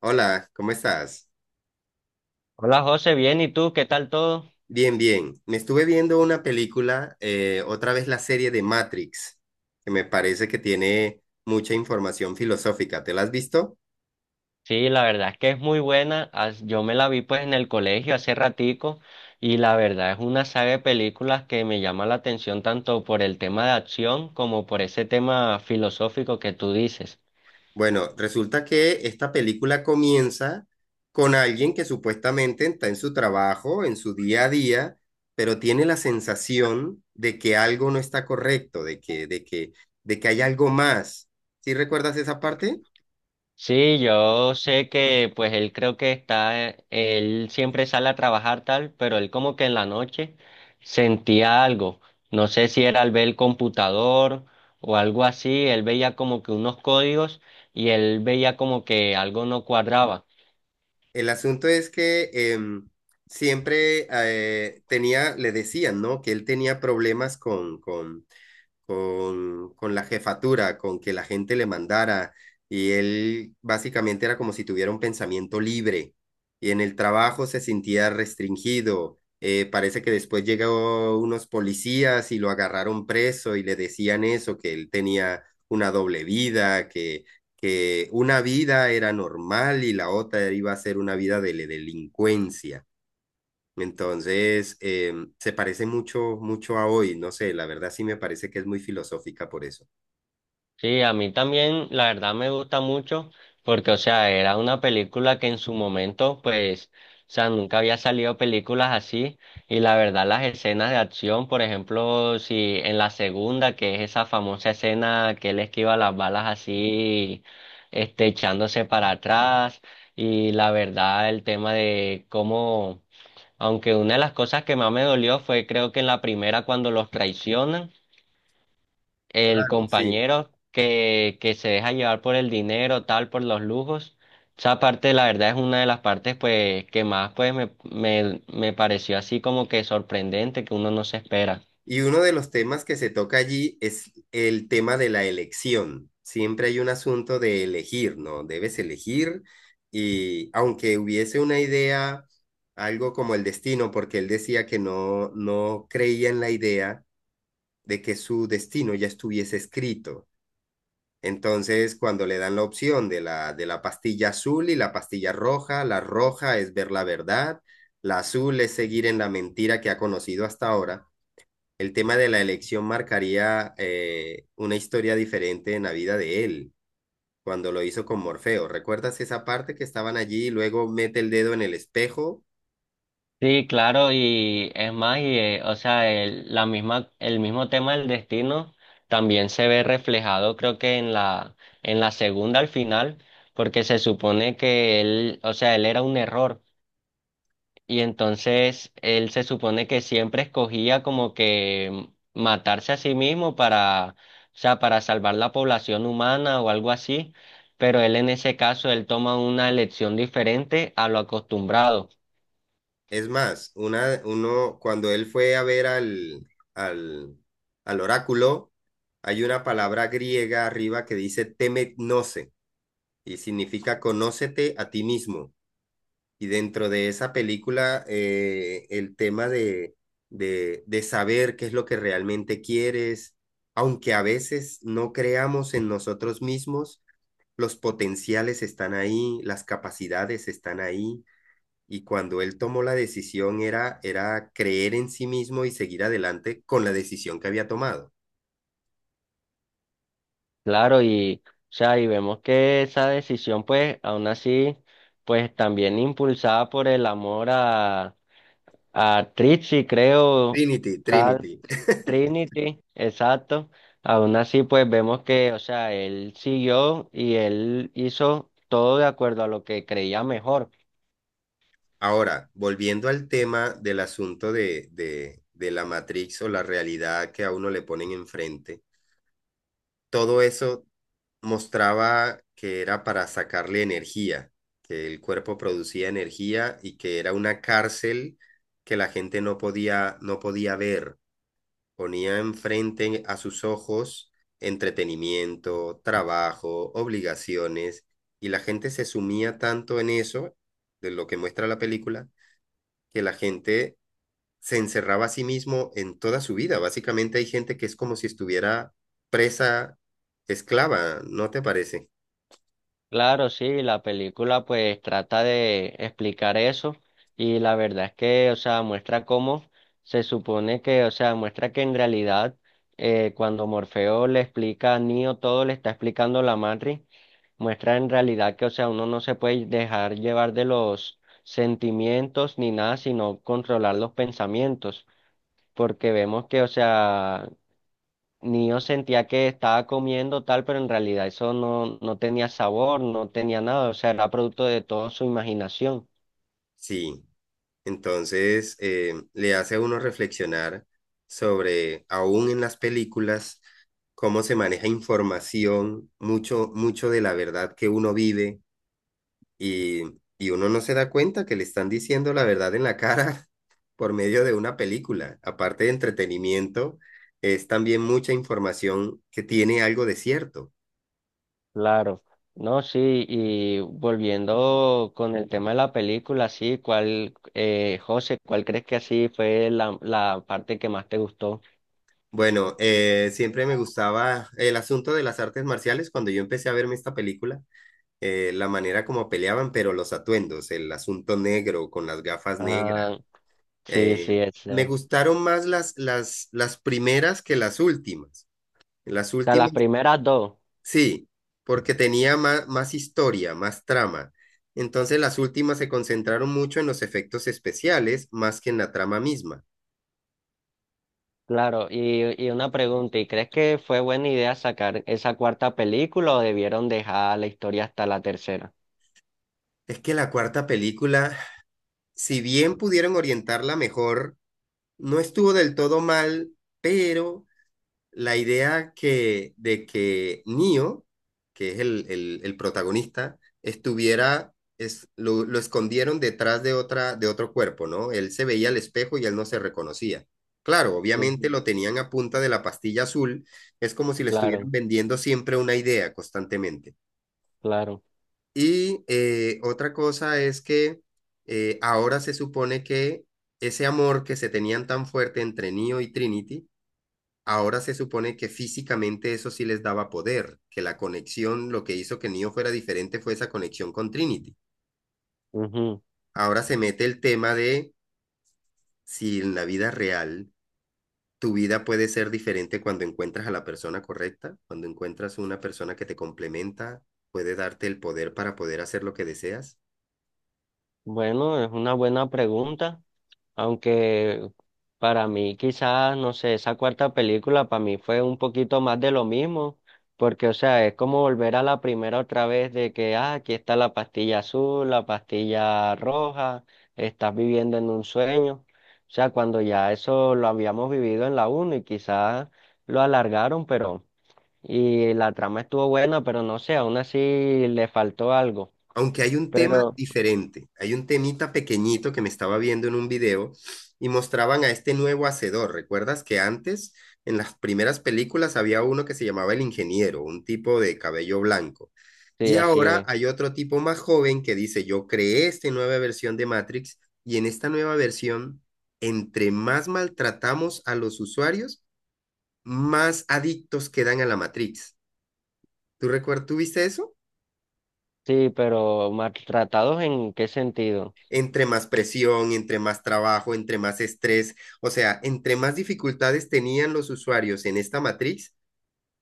Hola, ¿cómo estás? Hola José, bien, ¿y tú? ¿Qué tal todo? Bien, bien. Me estuve viendo una película, otra vez la serie de Matrix, que me parece que tiene mucha información filosófica. ¿Te la has visto? Sí, la verdad es que es muy buena. Yo me la vi pues en el colegio hace ratico y la verdad es una saga de películas que me llama la atención tanto por el tema de acción como por ese tema filosófico que tú dices. Bueno, resulta que esta película comienza con alguien que supuestamente está en su trabajo, en su día a día, pero tiene la sensación de que algo no está correcto, de que hay algo más. ¿Sí recuerdas esa parte? Sí, yo sé que pues él creo que está, él siempre sale a trabajar tal, pero él como que en la noche sentía algo. No sé si era al ver el computador o algo así, él veía como que unos códigos y él veía como que algo no cuadraba. El asunto es que siempre tenía, le decían, ¿no? Que él tenía problemas con la jefatura, con que la gente le mandara, y él básicamente era como si tuviera un pensamiento libre, y en el trabajo se sentía restringido. Parece que después llegó unos policías y lo agarraron preso y le decían eso, que él tenía una doble vida, que una vida era normal y la otra iba a ser una vida de la delincuencia. Entonces, se parece mucho, mucho a hoy, no sé, la verdad sí me parece que es muy filosófica por eso. Sí, a mí también, la verdad me gusta mucho porque, o sea, era una película que en su momento, pues, o sea, nunca había salido películas así y la verdad las escenas de acción, por ejemplo, si en la segunda, que es esa famosa escena que él esquiva las balas así, este, echándose para atrás y la verdad el tema de cómo, aunque una de las cosas que más me dolió fue creo que en la primera cuando los traicionan el Claro, sí. compañero que se deja llevar por el dinero, tal, por los lujos. Esa parte, la verdad, es una de las partes pues que más pues me pareció así como que sorprendente, que uno no se espera. Y uno de los temas que se toca allí es el tema de la elección. Siempre hay un asunto de elegir, ¿no? Debes elegir y aunque hubiese una idea, algo como el destino, porque él decía que no, no creía en la idea de que su destino ya estuviese escrito. Entonces, cuando le dan la opción de la pastilla azul y la pastilla roja, la roja es ver la verdad, la azul es seguir en la mentira que ha conocido hasta ahora. El tema de la elección marcaría una historia diferente en la vida de él, cuando lo hizo con Morfeo. ¿Recuerdas esa parte que estaban allí y luego mete el dedo en el espejo? Sí, claro, y es más, y o sea, el, la misma, el mismo tema del destino también se ve reflejado, creo que en en la segunda al final, porque se supone que él, o sea, él era un error. Y entonces él se supone que siempre escogía como que matarse a sí mismo para, o sea, para salvar la población humana o algo así, pero él en ese caso él toma una elección diferente a lo acostumbrado. Es más, una, uno, cuando él fue a ver al, al oráculo, hay una palabra griega arriba que dice temetnose y significa conócete a ti mismo. Y dentro de esa película, el tema de saber qué es lo que realmente quieres, aunque a veces no creamos en nosotros mismos, los potenciales están ahí, las capacidades están ahí y cuando él tomó la decisión era, era creer en sí mismo y seguir adelante con la decisión que había tomado. Claro, y, o sea, y vemos que esa decisión pues aún así pues también impulsada por el amor a Trixie, creo, Trinity, tal. Trinity. Trinity, exacto. Aún así, pues vemos que, o sea, él siguió y él hizo todo de acuerdo a lo que creía mejor. Ahora, volviendo al tema del asunto de la Matrix o la realidad que a uno le ponen enfrente, todo eso mostraba que era para sacarle energía, que el cuerpo producía energía y que era una cárcel que la gente no podía ver. Ponía enfrente a sus ojos entretenimiento, trabajo, obligaciones, y la gente se sumía tanto en eso, de lo que muestra la película, que la gente se encerraba a sí mismo en toda su vida. Básicamente hay gente que es como si estuviera presa, esclava, ¿no te parece? Claro, sí, la película pues trata de explicar eso y la verdad es que, o sea, muestra cómo se supone que, o sea, muestra que en realidad cuando Morfeo le explica a Neo todo, le está explicando la matriz, muestra en realidad que, o sea, uno no se puede dejar llevar de los sentimientos ni nada, sino controlar los pensamientos, porque vemos que, o sea, ni yo sentía que estaba comiendo tal, pero en realidad eso no, no tenía sabor, no tenía nada, o sea, era producto de toda su imaginación. Sí. Entonces, le hace a uno reflexionar sobre, aún en las películas, cómo se maneja información, mucho, mucho de la verdad que uno vive y, y uno no se da cuenta que le están diciendo la verdad en la cara por medio de una película. Aparte de entretenimiento, es también mucha información que tiene algo de cierto. Claro, no, sí, y volviendo con el tema de la película, sí, ¿cuál, José, cuál crees que así fue la parte que más te gustó? Bueno, siempre me gustaba el asunto de las artes marciales cuando yo empecé a verme esta película, la manera como peleaban, pero los atuendos, el asunto negro con las gafas negras. Ah, sí, eh, sí, ese. me O gustaron más las primeras que las últimas. Las sea, las últimas, primeras dos, sí, porque tenía más, más historia, más trama. Entonces las últimas se concentraron mucho en los efectos especiales más que en la trama misma. claro, y una pregunta, ¿y crees que fue buena idea sacar esa cuarta película o debieron dejar la historia hasta la tercera? Es que la cuarta película, si bien pudieron orientarla mejor, no estuvo del todo mal, pero la idea que, de que Neo, que es el protagonista, estuviera, es, lo escondieron detrás de, otra, de otro cuerpo, ¿no? Él se veía al espejo y él no se reconocía. Claro, obviamente lo tenían a punta de la pastilla azul, es como si le Claro, estuvieran vendiendo siempre una idea constantemente. claro. Y otra cosa es que ahora se supone que ese amor que se tenían tan fuerte entre Neo y Trinity, ahora se supone que físicamente eso sí les daba poder, que la conexión, lo que hizo que Neo fuera diferente fue esa conexión con Trinity. Ujú. Ahora se mete el tema de si en la vida real tu vida puede ser diferente cuando encuentras a la persona correcta, cuando encuentras una persona que te complementa, puede darte el poder para poder hacer lo que deseas. Bueno, es una buena pregunta, aunque para mí quizás, no sé, esa cuarta película para mí fue un poquito más de lo mismo, porque o sea, es como volver a la primera otra vez de que, ah, aquí está la pastilla azul, la pastilla roja, estás viviendo en un sueño. O sea, cuando ya eso lo habíamos vivido en la uno y quizás lo alargaron, pero, y la trama estuvo buena, pero no sé, aún así le faltó algo. Aunque hay un tema Pero diferente, hay un temita pequeñito que me estaba viendo en un video y mostraban a este nuevo hacedor. ¿Recuerdas que antes, en las primeras películas, había uno que se llamaba el ingeniero, un tipo de cabello blanco? sí, Y así ahora es. hay otro tipo más joven que dice, yo creé esta nueva versión de Matrix y en esta nueva versión, entre más maltratamos a los usuarios, más adictos quedan a la Matrix. ¿Tú recuerdas, tú viste eso? Sí, ¿pero maltratados en qué sentido? Entre más presión, entre más trabajo, entre más estrés, o sea, entre más dificultades tenían los usuarios en esta matriz,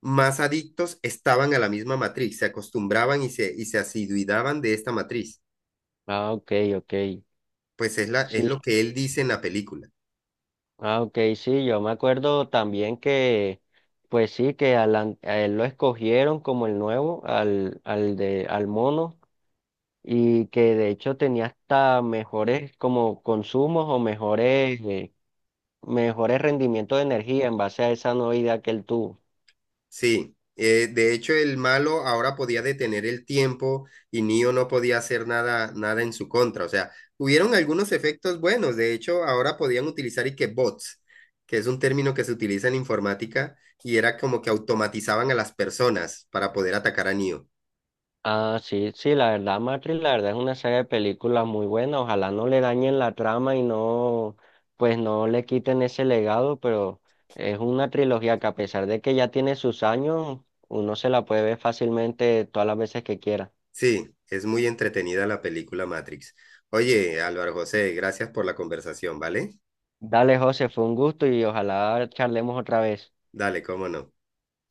más adictos estaban a la misma matriz, se acostumbraban y y se asiduidaban de esta matriz. Ah, ok, ok. Pues es, la, es Sí, lo que él dice en la película. ah, ok, sí, yo me acuerdo también que, pues sí, que a, a él lo escogieron como el nuevo, al, al de, al mono, y que de hecho tenía hasta mejores como consumos o mejores, mejores rendimientos de energía en base a esa nueva idea que él tuvo. Sí, de hecho el malo ahora podía detener el tiempo y Neo no podía hacer nada, nada en su contra. O sea, hubieron algunos efectos buenos. De hecho, ahora podían utilizar y que bots, que es un término que se utiliza en informática y era como que automatizaban a las personas para poder atacar a Neo. Ah, sí, sí, la verdad, Matrix, la verdad es una saga de películas muy buena. Ojalá no le dañen la trama y no, pues no le quiten ese legado, pero es una trilogía que a pesar de que ya tiene sus años, uno se la puede ver fácilmente todas las veces que quiera. Sí, es muy entretenida la película Matrix. Oye, Álvaro José, gracias por la conversación, ¿vale? Dale, José, fue un gusto y ojalá charlemos otra vez. Dale, cómo no.